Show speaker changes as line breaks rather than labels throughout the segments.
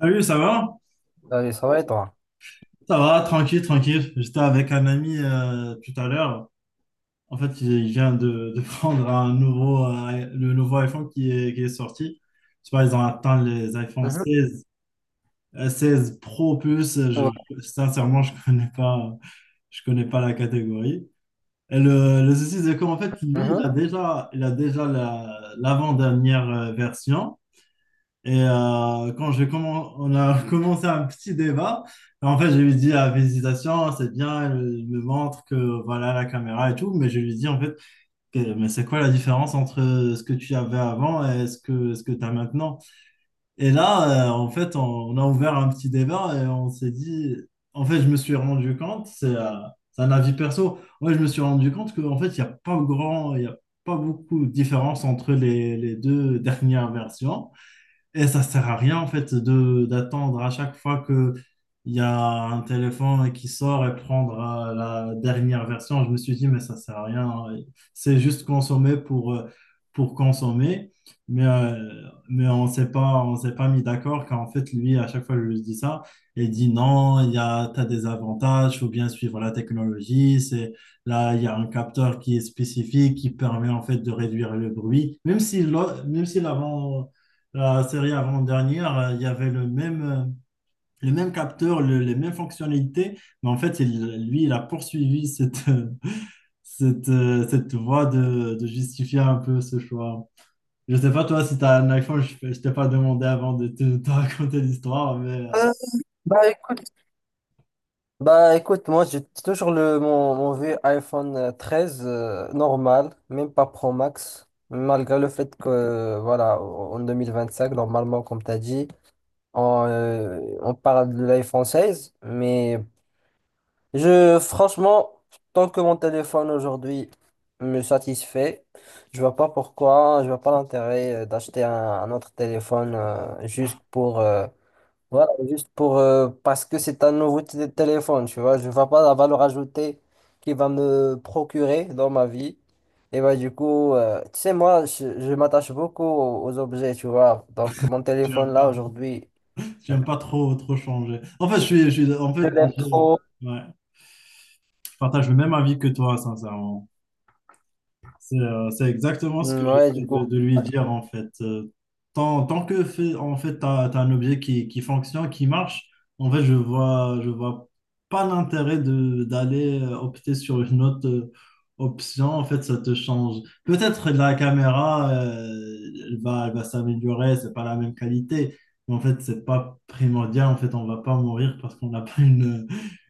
Salut, ça va?
Allez, ça va et toi?
Ça va, tranquille, tranquille. J'étais avec un ami tout à l'heure. En fait, il vient de prendre un nouveau, le nouveau iPhone qui est sorti. Tu vois, ils ont atteint les iPhone
Mhm.
seize, 16 Pro Plus.
Ouais.
Sincèrement, je connais pas la catégorie. Et le souci, c'est qu'en fait, lui, il
Mhm.
a déjà, il a déjà l'avant-dernière version. Et quand on a commencé un petit débat. En fait, je lui dis, ah, félicitations, c'est bien, elle me montre que voilà la caméra et tout, mais je lui dis en fait, mais c'est quoi la différence entre ce que tu avais avant et ce que tu as maintenant? Et là, en fait, on a ouvert un petit débat et on s'est dit, en fait, je me suis rendu compte, c'est un avis perso. Ouais, je me suis rendu compte qu'en fait, il y a pas beaucoup de différence entre les deux dernières versions. Et ça sert à rien en fait de d'attendre à chaque fois que il y a un téléphone qui sort et prendre la dernière version. Je me suis dit mais ça sert à rien, hein. C'est juste consommer pour consommer. Mais euh, mais on s'est pas mis d'accord, car en fait lui, à chaque fois je lui dis ça, et il dit non, il y a, t'as des avantages, faut bien suivre la technologie, c'est… Là, il y a un capteur qui est spécifique, qui permet en fait de réduire le bruit, même si même si la série avant-dernière, il y avait le même capteur, les mêmes fonctionnalités, mais en fait, lui, il a poursuivi cette, cette voie de justifier un peu ce choix. Je sais pas, toi, si tu as un iPhone, je ne t'ai pas demandé avant de te raconter l'histoire, mais
Euh, bah écoute, bah écoute, moi j'ai toujours le mon vieux iPhone 13 normal, même pas Pro Max, malgré le fait que voilà, en cinq normalement, comme t'as dit, on parle de l'iPhone 16, mais je, franchement, tant que mon téléphone aujourd'hui me satisfait, je vois pas pourquoi, je vois pas l'intérêt d'acheter un autre téléphone, juste pour. Voilà, juste pour, parce que c'est un nouveau téléphone, tu vois, je ne vois pas la valeur ajoutée qu'il va me procurer dans ma vie. Et bah du coup, tu sais, moi, je m'attache beaucoup aux objets, tu vois. Donc mon
tu n'aimes
téléphone là
pas,
aujourd'hui,
tu aimes pas trop changer. En fait, je suis- en
je
fait,
l'aime
je,
trop.
ouais, je partage le même avis que toi, sincèrement. C'est exactement ce que
Mm, ouais, du
j'essaie
coup,
de lui dire en fait. Tant que fait, en fait, tu as un objet qui fonctionne, qui marche, en fait, je vois pas l'intérêt de d'aller opter sur une autre option. En fait, ça te change. Peut-être la caméra, elle va s'améliorer, c'est pas la même qualité, mais en fait, c'est pas primordial. En fait, on va pas mourir parce qu'on n'a pas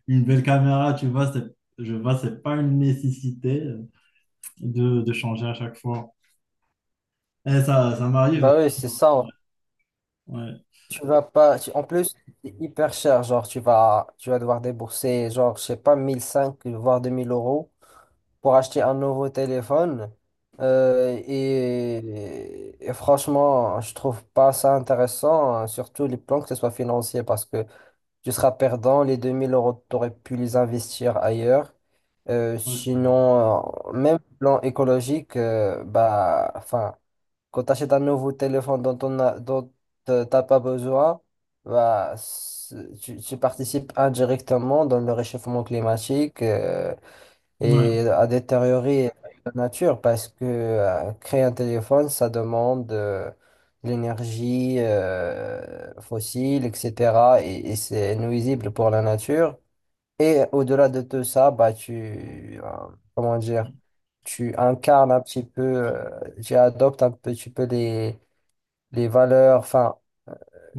une belle caméra, tu vois. Je vois, c'est pas une nécessité de changer à chaque fois. Et ça m'arrive.
bah oui, c'est ça.
Ouais,
Tu vas pas. En plus, c'est hyper cher, genre tu vas devoir débourser, genre, je sais pas, mille cinq voire 2 000 euros pour acheter un nouveau téléphone. Et franchement, je trouve pas ça intéressant, hein, surtout les plans que ce soit financier, parce que tu seras perdant, les 2 000 euros, tu aurais pu les investir ailleurs. Euh,
ouais,
sinon, euh, même plan écologique, bah, enfin, quand tu achètes un nouveau téléphone dont on a, dont t'as pas besoin, bah, tu participes indirectement dans le réchauffement climatique, et
ouais,
à détériorer la nature parce que créer un téléphone, ça demande de l'énergie fossile, etc. Et c'est nuisible pour la nature. Et au-delà de tout ça, bah, tu, comment dire, tu incarnes un petit peu, tu adoptes un petit peu les, valeurs, enfin,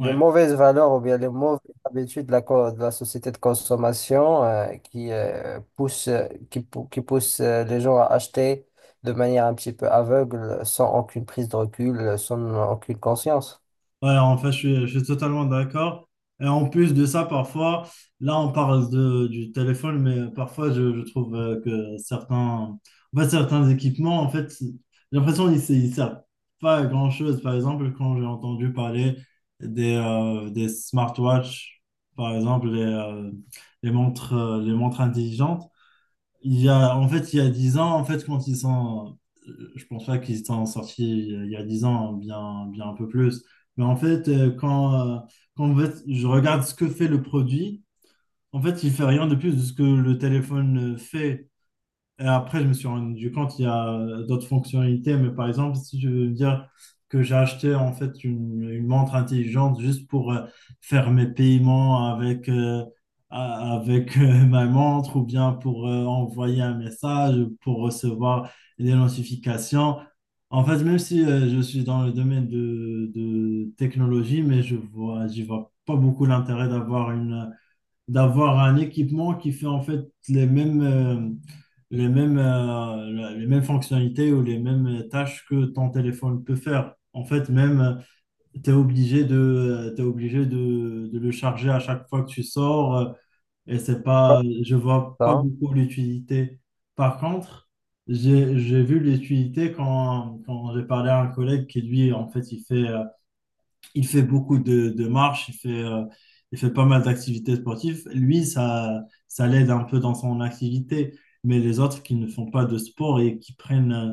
les mauvaises valeurs ou bien les mauvaises habitudes de la société de consommation qui poussent, qui poussent les gens à acheter de manière un petit peu aveugle, sans aucune prise de recul, sans aucune conscience.
Ouais, en fait, je suis totalement d'accord. Et en plus de ça, parfois, là, on parle du téléphone, mais parfois, je trouve que certains, en fait, certains équipements, en fait, j'ai l'impression qu'ils ne ils servent pas à grand-chose. Par exemple, quand j'ai entendu parler des smartwatches, par exemple, les, les montres intelligentes. Il y a, en fait, il y a 10 ans, en fait, quand ils sont, je pense pas qu'ils sont sortis il y a 10 ans, hein, bien, bien un peu plus. Mais en fait, quand en fait, je regarde ce que fait le produit, en fait, il fait rien de plus de ce que le téléphone fait. Et après, je me suis rendu compte il y a d'autres fonctionnalités, mais par exemple, si je veux dire que j'ai acheté en fait une montre intelligente juste pour faire mes paiements avec, ma montre, ou bien pour envoyer un message, ou pour recevoir des notifications. En fait, même si je suis dans le domaine de technologie, mais j'y vois pas beaucoup l'intérêt d'avoir une d'avoir un équipement qui fait en fait les mêmes, euh, les mêmes fonctionnalités ou les mêmes tâches que ton téléphone peut faire. En fait, même, tu es obligé de, t'es obligé de le charger à chaque fois que tu sors et c'est pas, je vois pas
Voilà.
beaucoup l'utilité. Par contre, j'ai vu l'utilité quand, quand j'ai parlé à un collègue qui, lui, en fait, il fait il fait beaucoup de marches, il fait pas mal d'activités sportives. Lui, ça l'aide un peu dans son activité, mais les autres qui ne font pas de sport et qui prennent euh,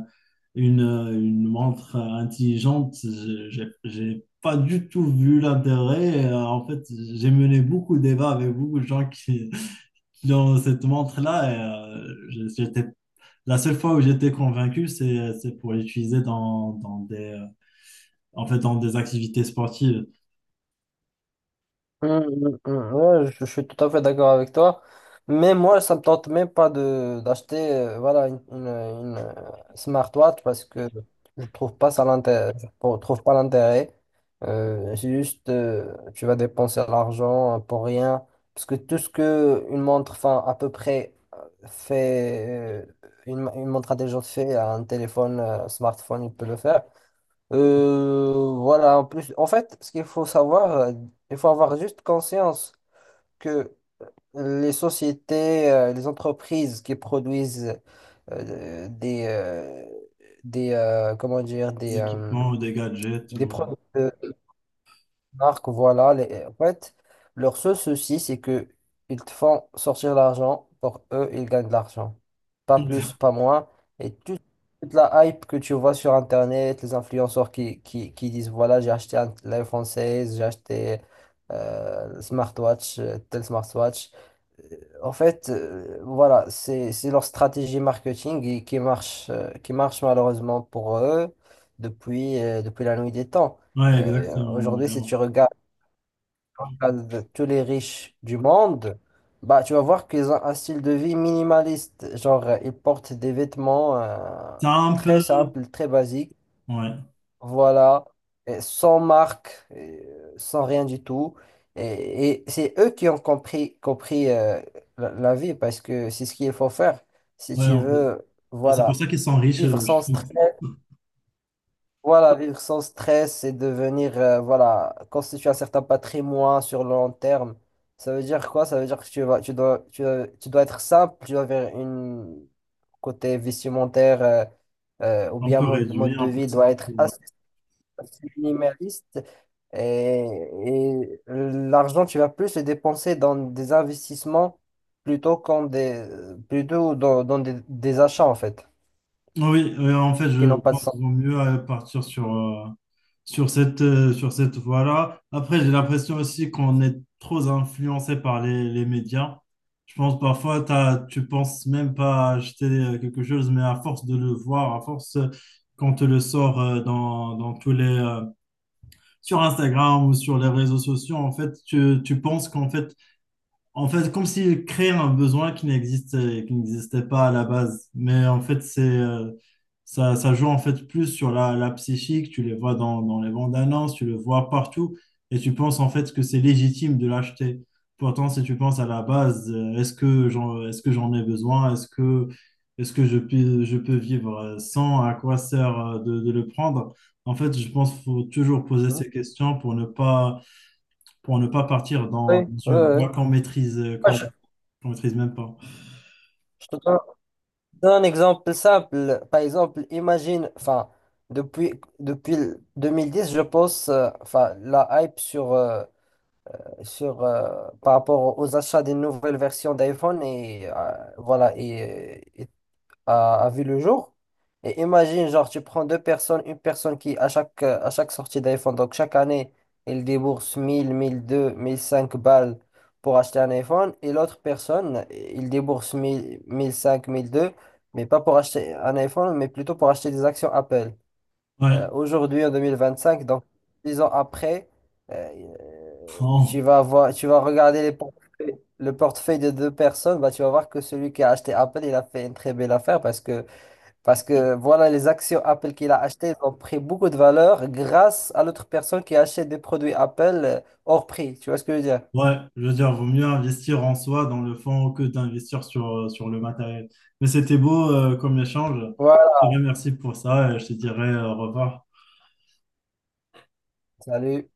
une, euh, une montre intelligente, j'ai pas du tout vu l'intérêt. En fait, j'ai mené beaucoup de débats avec beaucoup de gens qui qui ont cette montre-là. Et, j'étais, la seule fois où j'étais convaincu, c'est pour l'utiliser dans, dans des, en fait, dans des activités sportives.
Ouais, je suis tout à fait d'accord avec toi. Mais moi, ça me tente même pas de d'acheter voilà, une smartwatch parce que je trouve pas ça l'intérêt, je trouve pas l'intérêt. C'est juste, tu vas dépenser l'argent pour rien. Parce que tout ce que une montre, enfin, à peu près, fait, une montre intelligente fait, un téléphone, smartphone, il peut le faire. Voilà, en plus, en fait, ce qu'il faut savoir, il faut avoir juste conscience que les sociétés, les entreprises qui produisent euh, des, euh, des comment dire,
Des
des
équipements ou des gadgets.
des
Ou…
produits marques, voilà. En fait, leur seul souci, c'est que ils te font sortir l'argent. Pour eux, ils gagnent de l'argent. Pas plus, pas moins. Et toute la hype que tu vois sur Internet, les influenceurs qui disent, voilà, j'ai acheté l'iPhone 16, j'ai acheté le smartwatch, tel smartwatch. Euh, En fait, voilà, c'est leur stratégie marketing qui marche malheureusement pour eux depuis, depuis la nuit des temps.
Ouais, exactement.
Aujourd'hui,
Ouais.
si
Ouais.
tu regardes, tous les riches du monde, bah, tu vas voir qu'ils ont un style de vie minimaliste. Genre, ils portent des vêtements
C'est un
très
peu.
simples, très basiques,
Ouais,
voilà, et sans marque, et, sans rien du tout. Et c'est eux qui ont compris la vie parce que c'est ce qu'il faut faire si
ouais,
tu
un peu.
veux,
Ah, c'est pour
voilà,
ça qu'ils sont riches,
vivre sans
je
stress.
pense.
Voilà, vivre sans stress et devenir, voilà, constituer un certain patrimoine sur le long terme. Ça veut dire quoi? Ça veut dire que tu dois être simple, tu dois avoir une côté vestimentaire, ou
Un
bien
peu
mode, mode
réduit,
de
un peu
vie doit
simple.
être
Ouais.
assez minimaliste. Et l'argent, tu vas plus le dépenser dans des investissements plutôt qu'en des, plutôt dans des achats en fait,
Ah oui, en fait,
qui
je
n'ont pas de
pense
sens.
qu'il vaut mieux partir sur cette voie-là. Après, j'ai l'impression aussi qu'on est trop influencé par les médias. Je pense parfois, tu penses même pas à acheter quelque chose, mais à force de le voir, à force qu'on te le sort dans tous les, sur Instagram ou sur les réseaux sociaux, en fait, tu penses qu'en fait, en fait, comme s'il créait un besoin qui n'existait pas à la base. Mais en fait, ça, ça joue en fait plus sur la psychique. Tu les vois dans les bandes annonces, tu le vois partout. Et tu penses en fait que c'est légitime de l'acheter. Pourtant, si tu penses à la base, est-ce que j'en ai besoin? Est-ce que je peux vivre sans? À quoi sert de le prendre? En fait, je pense qu'il faut toujours poser
Oui,
ces questions pour ne pas partir
oui,
dans
oui.
une voie
Moi, Je,
qu'on maîtrise même pas.
je te donne un exemple simple, par exemple, imagine, enfin, depuis, depuis le 2010, je pense, enfin, la hype sur par rapport aux achats des nouvelles versions d'iPhone et voilà, et, à vu le jour. Et imagine, genre, tu prends deux personnes, une personne qui, à chaque sortie d'iPhone, donc chaque année, elle débourse mille deux mille cinq balles pour acheter un iPhone, et l'autre personne, il débourse mille cinq mille deux mais pas pour acheter un iPhone, mais plutôt pour acheter des actions Apple.
Ouais,
Aujourd'hui, en 2025 donc 10 ans après, euh, tu
en-
vas voir, tu vas regarder les le portefeuille de deux personnes, bah, tu vas voir que celui qui a acheté Apple, il a fait une très belle affaire parce que voilà, les actions Apple qu'il a achetées, elles ont pris beaucoup de valeur grâce à l'autre personne qui achète des produits Apple hors prix. Tu vois ce que je veux dire?
ouais, je veux dire, vaut mieux investir en soi dans le fond que d'investir sur, sur le matériel. Mais c'était beau comme échange. Je
Voilà,
te remercie pour ça et je te dirai au revoir.
salut.